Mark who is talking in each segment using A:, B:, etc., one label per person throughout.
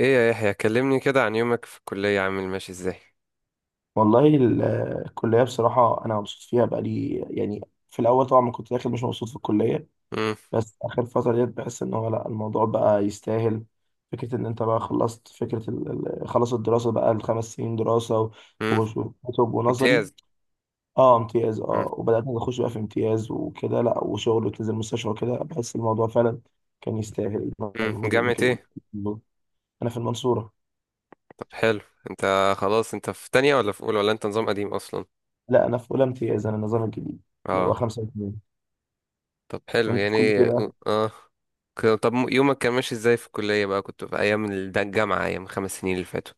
A: ايه يا يحيى، كلمني كده عن يومك في الكلية. عامل ماشي ازاي؟
B: والله الكلية بصراحة أنا مبسوط فيها بقالي يعني. في الأول طبعا ما كنت داخل، مش مبسوط في الكلية،
A: امم.
B: بس آخر فترة ديت بحس إن هو لأ، الموضوع بقى يستاهل. فكرة إن أنت بقى خلصت، فكرة خلص الدراسة بقى، ال5 سنين دراسة
A: امم.
B: وكتب ونظري.
A: امتياز.
B: أه، امتياز،
A: امم،
B: أه، وبدأت أخش بقى في امتياز وكده، لأ، وشغل وتنزل المستشفى وكده، بحس الموضوع فعلا كان يستاهل
A: امم.
B: المجهود،
A: جامعة
B: المكان.
A: ايه؟
B: أنا في المنصورة.
A: طب حلو. انت خلاص انت في تانية ولا في اولى ولا انت نظام قديم اصلا؟
B: لأ أنا في أولى امتياز، أنا النظام الجديد اللي هو
A: اه.
B: 5 و2.
A: طب حلو
B: وأنت في كل
A: يعني.
B: كده؟
A: اه. طب يومك كان ماشي ازاي في الكلية بقى؟ كنت في ايام ده، الجامعة، ايام خمس سنين اللي فاتوا.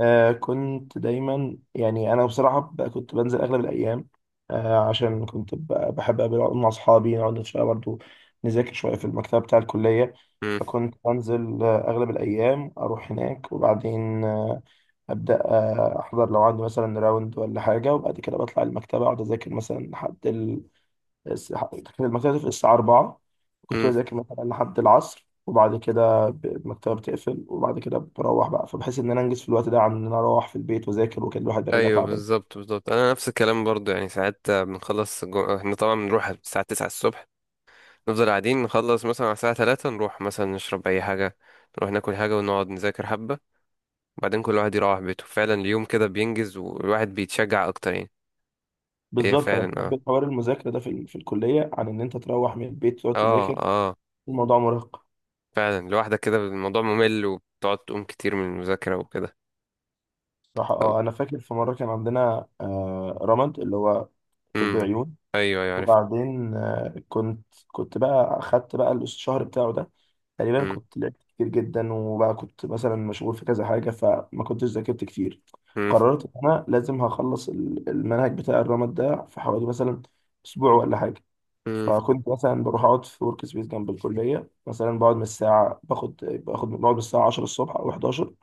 B: كنت دايما يعني انا بصراحه كنت بنزل اغلب الايام، عشان كنت بحب اقابل أقعد مع اصحابي نقعد شويه برضو، نذاكر شويه في المكتبه بتاع الكليه.
A: امم،
B: فكنت بنزل اغلب الايام اروح هناك، وبعدين ابدا احضر لو عندي مثلا راوند ولا حاجه، وبعد كده بطلع المكتبه اقعد اذاكر مثلا لحد الس- كان المكتبة بتقفل الساعة 4. كنت
A: امم.
B: بذاكر مثلا لحد العصر وبعد كده المكتبة بتقفل، وبعد كده بروح بقى، فبحس إن أنا أنجز في الوقت ده، عن إن أنا أروح في البيت وأذاكر، وكان الواحد بيرجع
A: ايوه
B: تعبان.
A: بالظبط بالظبط، انا نفس الكلام برضو. يعني ساعات بنخلص احنا طبعا بنروح الساعة 9 الصبح، نفضل قاعدين نخلص مثلا على الساعة تلاتة، نروح مثلا نشرب أي حاجة، نروح ناكل حاجة ونقعد نذاكر حبة، وبعدين كل واحد يروح بيته. فعلا اليوم كده بينجز، والواحد بيتشجع أكتر يعني. هي
B: بالظبط، أنا
A: فعلا اه.
B: بحب حوار المذاكرة ده في الكلية، عن إن أنت تروح من البيت تقعد
A: اه،
B: تذاكر،
A: اه.
B: الموضوع مرهق.
A: فعلا لوحدك كده الموضوع ممل، وبتقعد تقوم كتير من المذاكرة وكده.
B: صراحة
A: طب.
B: أنا فاكر في مرة كان عندنا رمد، اللي هو طب
A: امم.
B: عيون.
A: أيوه أيوه عرفت.
B: وبعدين كنت بقى أخدت بقى الشهر بتاعه ده، تقريبا
A: امم،
B: كنت لعبت كتير جدا، وبقى كنت مثلا مشغول في كذا حاجة فما كنتش ذاكرت كتير.
A: امم،
B: قررت إن أنا لازم هخلص المنهج بتاع الرمد ده في حوالي مثلا أسبوع ولا حاجة.
A: امم،
B: فكنت مثلا بروح أقعد في ورك سبيس جنب الكلية، مثلا بقعد من الساعة باخد باخد بقعد من الساعة 10 الصبح أو 11،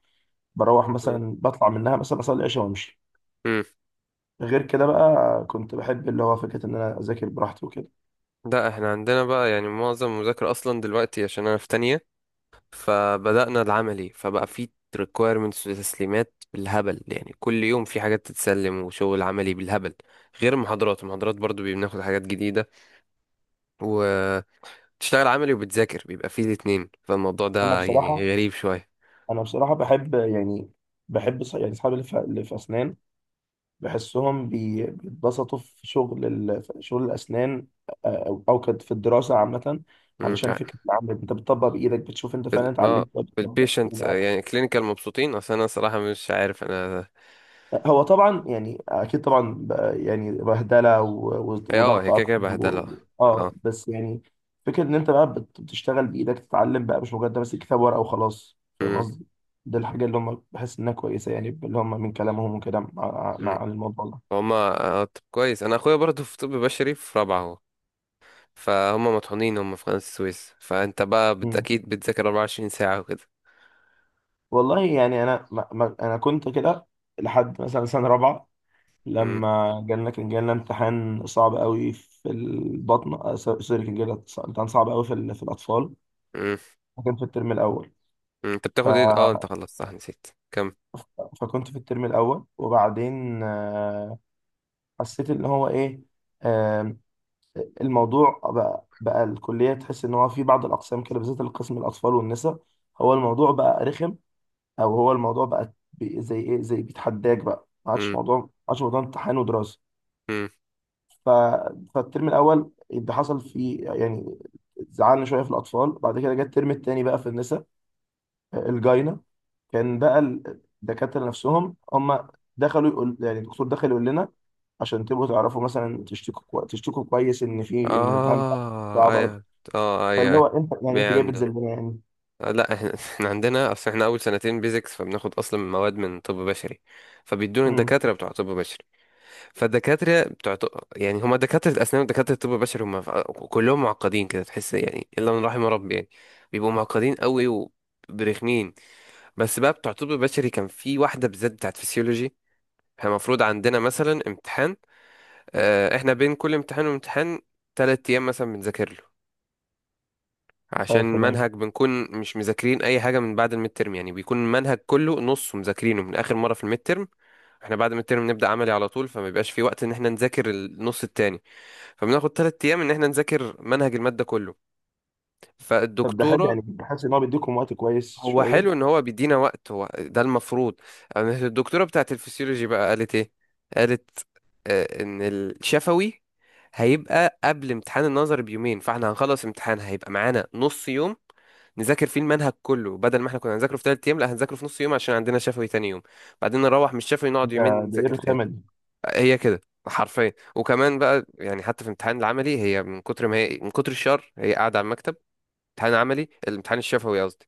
B: بروح مثلا بطلع منها مثلا أصلي العشاء وأمشي.
A: امم.
B: غير كده بقى كنت بحب اللي هو فكرة إن أنا أذاكر براحتي وكده.
A: لا احنا عندنا بقى يعني معظم المذاكرة أصلا دلوقتي، عشان أنا في تانية، فبدأنا العملي، فبقى في requirements وتسليمات بالهبل. يعني كل يوم في حاجات تتسلم وشغل عملي بالهبل، غير المحاضرات. المحاضرات برضو بناخد حاجات جديدة، وتشتغل عملي وبتذاكر، بيبقى فيه الاتنين. فالموضوع
B: أنا
A: ده يعني
B: بصراحة
A: غريب شوية.
B: أنا بصراحة بحب يعني بحب يعني أصحابي اللي في أسنان، بحسهم بيتبسطوا في شغل الأسنان، أو كانت في الدراسة عامة،
A: مم.
B: علشان
A: اه.
B: فكرة العمل أنت بتطبق بإيدك، بتشوف أنت
A: في
B: فعلا اتعلمت ولا
A: في
B: بتطبق.
A: البيشنت
B: إيه.
A: يعني كلينيكال مبسوطين؟ اصل انا صراحة مش عارف انا.
B: يعني هو طبعا، يعني أكيد طبعا يعني بهدلة
A: اه،
B: وضغط
A: هي كده
B: أكتر
A: كده
B: و-
A: بهدلة.
B: و-
A: اه.
B: أه بس يعني فكرة إن أنت بقى بتشتغل بإيدك تتعلم بقى، مش مجرد ماسك كتاب ورقة وخلاص، فاهم
A: مم.
B: قصدي؟ دي الحاجة اللي هم بحس إنها كويسة، يعني اللي هم من كلامهم وكده مع
A: مم.
B: مع- عن الموضوع
A: هما. طب كويس. انا اخويا برضو في طب بشري، في رابعة هو، فهم مطحونين. هم في قناة السويس، فانت بقى
B: ده.
A: اكيد بتذاكر 24 ساعة وكده.
B: والله يعني انا ما انا كنت كده لحد مثلا سنه رابعه،
A: امم،
B: لما جالنا امتحان صعب قوي في البطن، سوري، كان جالنا امتحان صعب قوي في الاطفال.
A: امم.
B: كان في الترم الاول.
A: أمم. انت
B: ف...
A: بتاخد ايه؟ اه، انت خلصت صح، نسيت كم.
B: فكنت في الترم الاول وبعدين حسيت ان هو ايه، آه، الموضوع بقى، الكليه تحس ان هو في بعض الاقسام كده، بالذات القسم الاطفال والنساء، هو الموضوع بقى رخم، او هو الموضوع بقى زي ايه، زي بيتحداك بقى، ما عادش
A: امم،
B: موضوع امتحان ودراسه.
A: امم.
B: ف... فالترم الاول اللي حصل فيه يعني زعلنا شويه في الاطفال، بعد كده جه الترم الثاني بقى في النساء الجاينه، كان بقى الدكاتره نفسهم هم دخلوا يقول، يعني الدكتور دخل يقول لنا عشان تبقوا تعرفوا مثلا تشتكوا تشتكوا كويس ان في، ان الامتحان بتاعكم
A: اه
B: صعب قوي.
A: ايوه. اه ايوه
B: فاللي
A: أيوة.
B: هو انت يعني،
A: بي
B: انت جاي
A: عنده.
B: بتذلنا يعني؟
A: لا احنا احنا عندنا، اصل احنا اول سنتين بيزكس، فبناخد اصلا مواد من طب بشري، فبيدونا
B: امم
A: الدكاتره بتوع طب بشري. فالدكاتره بتوع طب، يعني هما دكاتره الاسنان ودكاتره الطب البشري، هما كلهم معقدين كده تحس، يعني الا من رحم ربي يعني. بيبقوا معقدين قوي وبرخمين. بس بقى بتوع طب بشري، كان في واحدة بالذات بتاعت فسيولوجي. احنا المفروض عندنا مثلا امتحان. احنا بين كل امتحان وامتحان تلات ايام مثلا بنذاكر له،
B: اه
A: عشان
B: تمام.
A: منهج بنكون مش مذاكرين اي حاجة من بعد الميد ترم. يعني بيكون المنهج كله نصه مذاكرينه من اخر مرة في الميد ترم. احنا بعد الميد ترم نبدأ عملي على طول، فما بيبقاش في وقت ان احنا نذاكر النص التاني، فبناخد تلات ايام ان احنا نذاكر منهج المادة كله.
B: طب ده حلو،
A: فالدكتورة.
B: يعني بحس ان هو بيديكم وقت كويس
A: هو
B: شويه.
A: حلو ان هو بيدينا وقت، هو ده المفروض. أما الدكتوره بتاعت الفسيولوجي بقى قالت ايه؟ قالت ان الشفوي هيبقى قبل امتحان النظر بيومين، فاحنا هنخلص امتحان هيبقى معانا نص يوم نذاكر فيه المنهج كله، بدل ما احنا كنا هنذاكره في تلات ايام، لا هنذاكره في نص يوم عشان عندنا شفوي تاني يوم، بعدين نروح من الشفوي نقعد
B: ده
A: يومين
B: ده ايه
A: نذاكر تاني.
B: الرخامه دي؟
A: هي كده حرفيا. وكمان بقى يعني حتى في امتحان العملي، هي من كتر ما هي من كتر الشر، هي قاعده على المكتب، امتحان عملي، الامتحان الشفوي قصدي.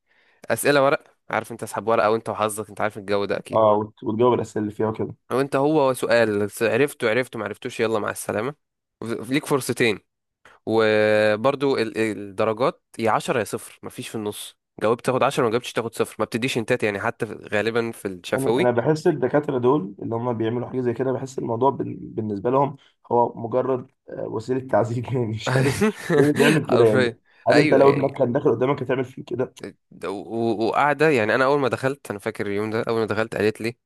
A: اسئله ورق، عارف انت، اسحب ورقه وانت وحظك، انت عارف الجو ده اكيد.
B: اه وتجاوب الاسئله اللي فيها وكده.
A: وانت هو سؤال، عرفته عرفته ما عرفتوش، يلا مع السلامه. ليك فرصتين. وبرضو الدرجات، يا 10 يا صفر، مفيش في النص. جاوبت تاخد 10، ما جاوبتش تاخد صفر، ما بتديش انتات يعني حتى غالبا في
B: يعني انا
A: الشفوي.
B: بحس الدكاتره دول اللي هم بيعملوا حاجه زي كده، بحس الموضوع بالنسبه لهم هو مجرد وسيله تعذيب يعني، مش عارف ليه بيعمل كده يعني.
A: حرفيا.
B: هل انت
A: ايوه
B: لو
A: يعني.
B: ابنك كان داخل قدامك هتعمل فيه كده؟
A: وقاعده يعني. انا اول ما دخلت، انا فاكر اليوم ده، اول ما دخلت قالت لي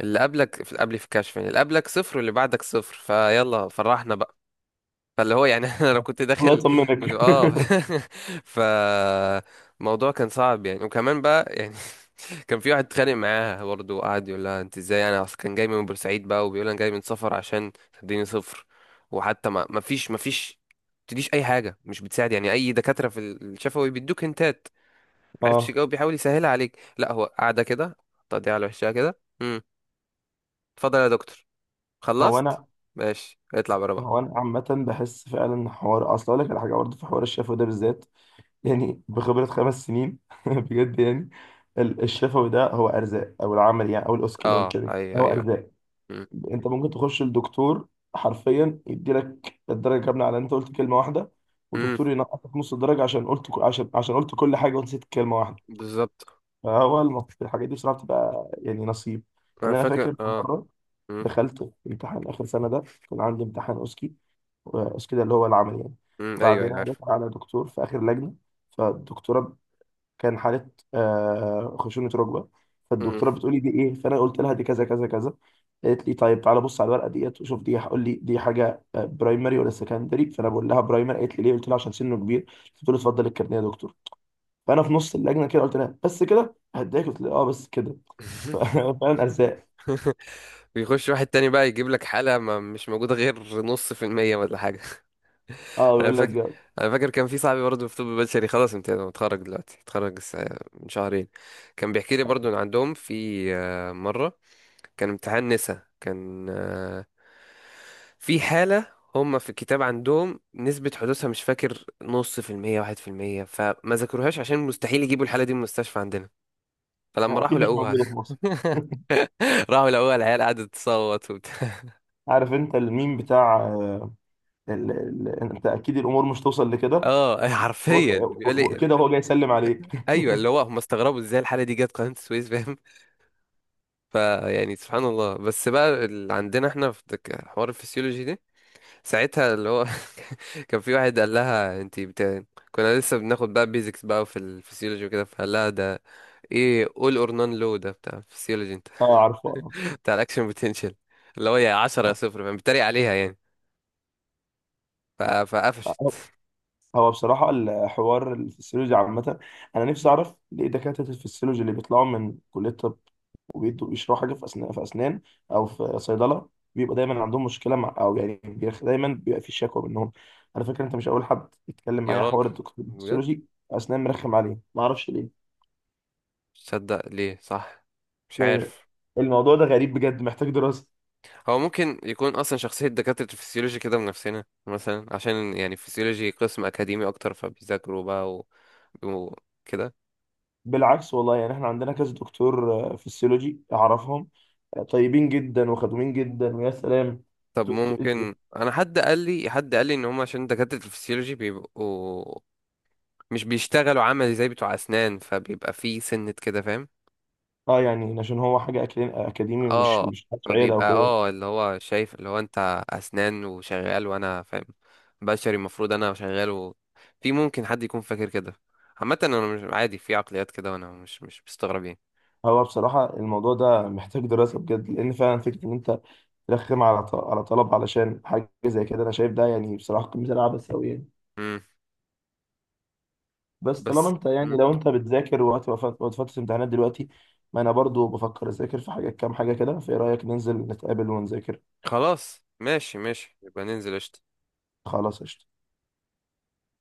A: اللي قبلك، في قبلي، في الكشف يعني، اللي قبلك صفر واللي بعدك صفر، فيلا فرحنا بقى. فاللي هو يعني انا لو كنت
B: الله
A: داخل مت...
B: يطمنك.
A: اه ف الموضوع كان صعب يعني. وكمان بقى يعني كان في واحد اتخانق معاها برضه، وقعد يقول لها انت ازاي، انا اصلا كان جاي من بورسعيد بقى، وبيقول انا جاي من سفر عشان تديني صفر. وحتى ما فيش تديش اي حاجه، مش بتساعد يعني اي دكاتره في الشفوي بيدوك هنتات. ما عرفتش
B: اه.
A: تجاوب بيحاول يسهلها عليك، لا هو قاعده كده تقضيها على وشها كده. امم. اتفضل يا دكتور
B: هو
A: خلصت،
B: انا
A: ماشي اطلع بره بقى.
B: هو انا عامه بحس فعلا حوار، اصل اقول لك على حاجه برضه في حوار الشفوي ده بالذات، يعني بخبره 5 سنين بجد يعني. الشفوي ده هو ارزاق، او العمل يعني، او الاسكي اللي هو
A: اه
B: الكلمه،
A: ايوه
B: هو
A: ايوه.
B: ارزاق.
A: امم.
B: انت ممكن تخش لدكتور حرفيا يديلك الدرجه كامله على ان انت قلت كلمه واحده،
A: أمم،
B: ودكتور ينقصك نص الدرجه عشان قلت كل حاجه ونسيت كلمه واحده.
A: بالظبط.
B: فهو الحاجات دي بصراحه بتبقى يعني نصيب.
A: انا
B: يعني انا
A: فاكر
B: فاكر في
A: اه.
B: مره
A: امم.
B: دخلت امتحان اخر سنه ده، كان عندي امتحان اوسكي، اوسكي ده اللي هو العمل يعني.
A: أمم، ايوه
B: وبعدين
A: ايوه
B: انا
A: عارف.
B: داخل على دكتور في اخر لجنه، فالدكتوره كان حالة خشونة ركبة،
A: أمم.
B: فالدكتورة بتقولي دي إيه؟ فأنا قلت لها دي كذا كذا كذا، قالت لي طيب تعالى بص على الورقة ديت وشوف، دي هقول لي دي حاجة برايمري ولا سكندري؟ فأنا بقول لها برايمري، قالت لي ليه؟ قلت لها عشان سنه كبير. بتقول لي اتفضل الكارنيه يا دكتور. فأنا في نص اللجنة كده قلت لها بس كده؟ هداك قلت لها اه بس كده. ف- فعلا أرزاق.
A: بيخش واحد تاني بقى يجيب لك حالة ما مش موجودة غير نص في المية ولا حاجة.
B: اه
A: انا
B: بيقول لك
A: فاكر،
B: جاوب.
A: انا فاكر كان في صاحبي برضه في طب بشري، خلاص امتيازه متخرج دلوقتي، اتخرج من شهرين. كان بيحكي لي برضه ان عندهم في مرة، كان امتحان نسا، كان في حالة، هما في الكتاب عندهم نسبة حدوثها مش فاكر نص في المية واحد في المية، فما ذكروهاش عشان مستحيل يجيبوا الحالة دي من المستشفى عندنا. فلما
B: أكيد
A: راحوا
B: مش
A: لقوها
B: موجودة في مصر.
A: راحوا لقوها، العيال قعدت تصوت وبتاع.
B: عارف انت الميم بتاع انت اكيد الامور مش توصل لكده.
A: اه حرفيا بيقول لي
B: كده هو جاي يسلم عليك.
A: ايوه، اللي هو هم استغربوا ازاي الحالة دي جت قناة السويس فاهم. فيعني سبحان الله. بس بقى اللي عندنا احنا في الحوار الفسيولوجي ده ساعتها، اللي هو كان في واحد قال لها انت كنا لسه بناخد بقى بيزكس بقى في الفسيولوجي وكده، فقال لها ده ايه all or none low ده بتاع الفسيولوجي انت؟
B: اه، عارفه.
A: بتاع الاكشن potential، اللي هو يا 10 يا
B: آه.
A: صفر فاهم، بيتريق عليها يعني. فقفشت.
B: هو هو بصراحة الحوار الفسيولوجي عامة، أنا نفسي أعرف ليه دكاترة الفسيولوجي اللي بيطلعوا من كلية طب، وبيدوا بيشرحوا حاجة في أسنان، أو في صيدلة، بيبقى دايما عندهم مشكلة مع، دايما بيبقى في شكوى منهم. على فكرة أنت مش أول حد يتكلم
A: يا
B: معايا
A: راجل
B: حوار الدكتور
A: بجد.
B: الفسيولوجي أسنان، مرخم عليه معرفش ليه.
A: مش صدق ليه؟ صح. مش
B: يعني
A: عارف.
B: الموضوع ده غريب بجد، محتاج دراسة.
A: هو ممكن يكون اصلا شخصية دكاترة الفسيولوجي كده من نفسنا مثلا، عشان يعني الفسيولوجي قسم اكاديمي اكتر، فبيذاكروا بقى وكده.
B: بالعكس والله، يعني احنا عندنا كذا دكتور فسيولوجي اعرفهم طيبين جدا وخدومين جدا ويا سلام.
A: طب
B: ت- ت-
A: ممكن انا، حد قال لي ان هم عشان دكاترة الفسيولوجي بيبقوا مش بيشتغلوا عملي زي بتوع اسنان، فبيبقى في سنة كده فاهم.
B: اه، يعني عشان هو حاجه اكاديمي، مش
A: اه.
B: مش حاجة شعيره او
A: فبيبقى
B: كده.
A: اه اللي هو شايف اللي هو انت اسنان وشغال وانا فاهم، بشري المفروض انا شغال في ممكن حد يكون فاكر كده. عامة انا مش عادي في عقليات كده، وانا مش مستغرب يعني.
B: هو بصراحه الموضوع ده محتاج دراسه بجد، لان فعلا فكره ان انت ترخم على طلب علشان حاجه زي كده، انا شايف ده يعني بصراحه قمه العبث قوي يعني.
A: امم.
B: بس
A: بس.
B: طالما انت
A: مم.
B: يعني لو انت بتذاكر وقت وقت وقت فتره امتحانات دلوقتي، ما انا برضو بفكر اذاكر في حاجه، كام حاجه كده، فايه رايك ننزل نتقابل ونذاكر؟
A: خلاص ماشي ماشي، يبقى ننزل قشطة.
B: خلاص قشطه.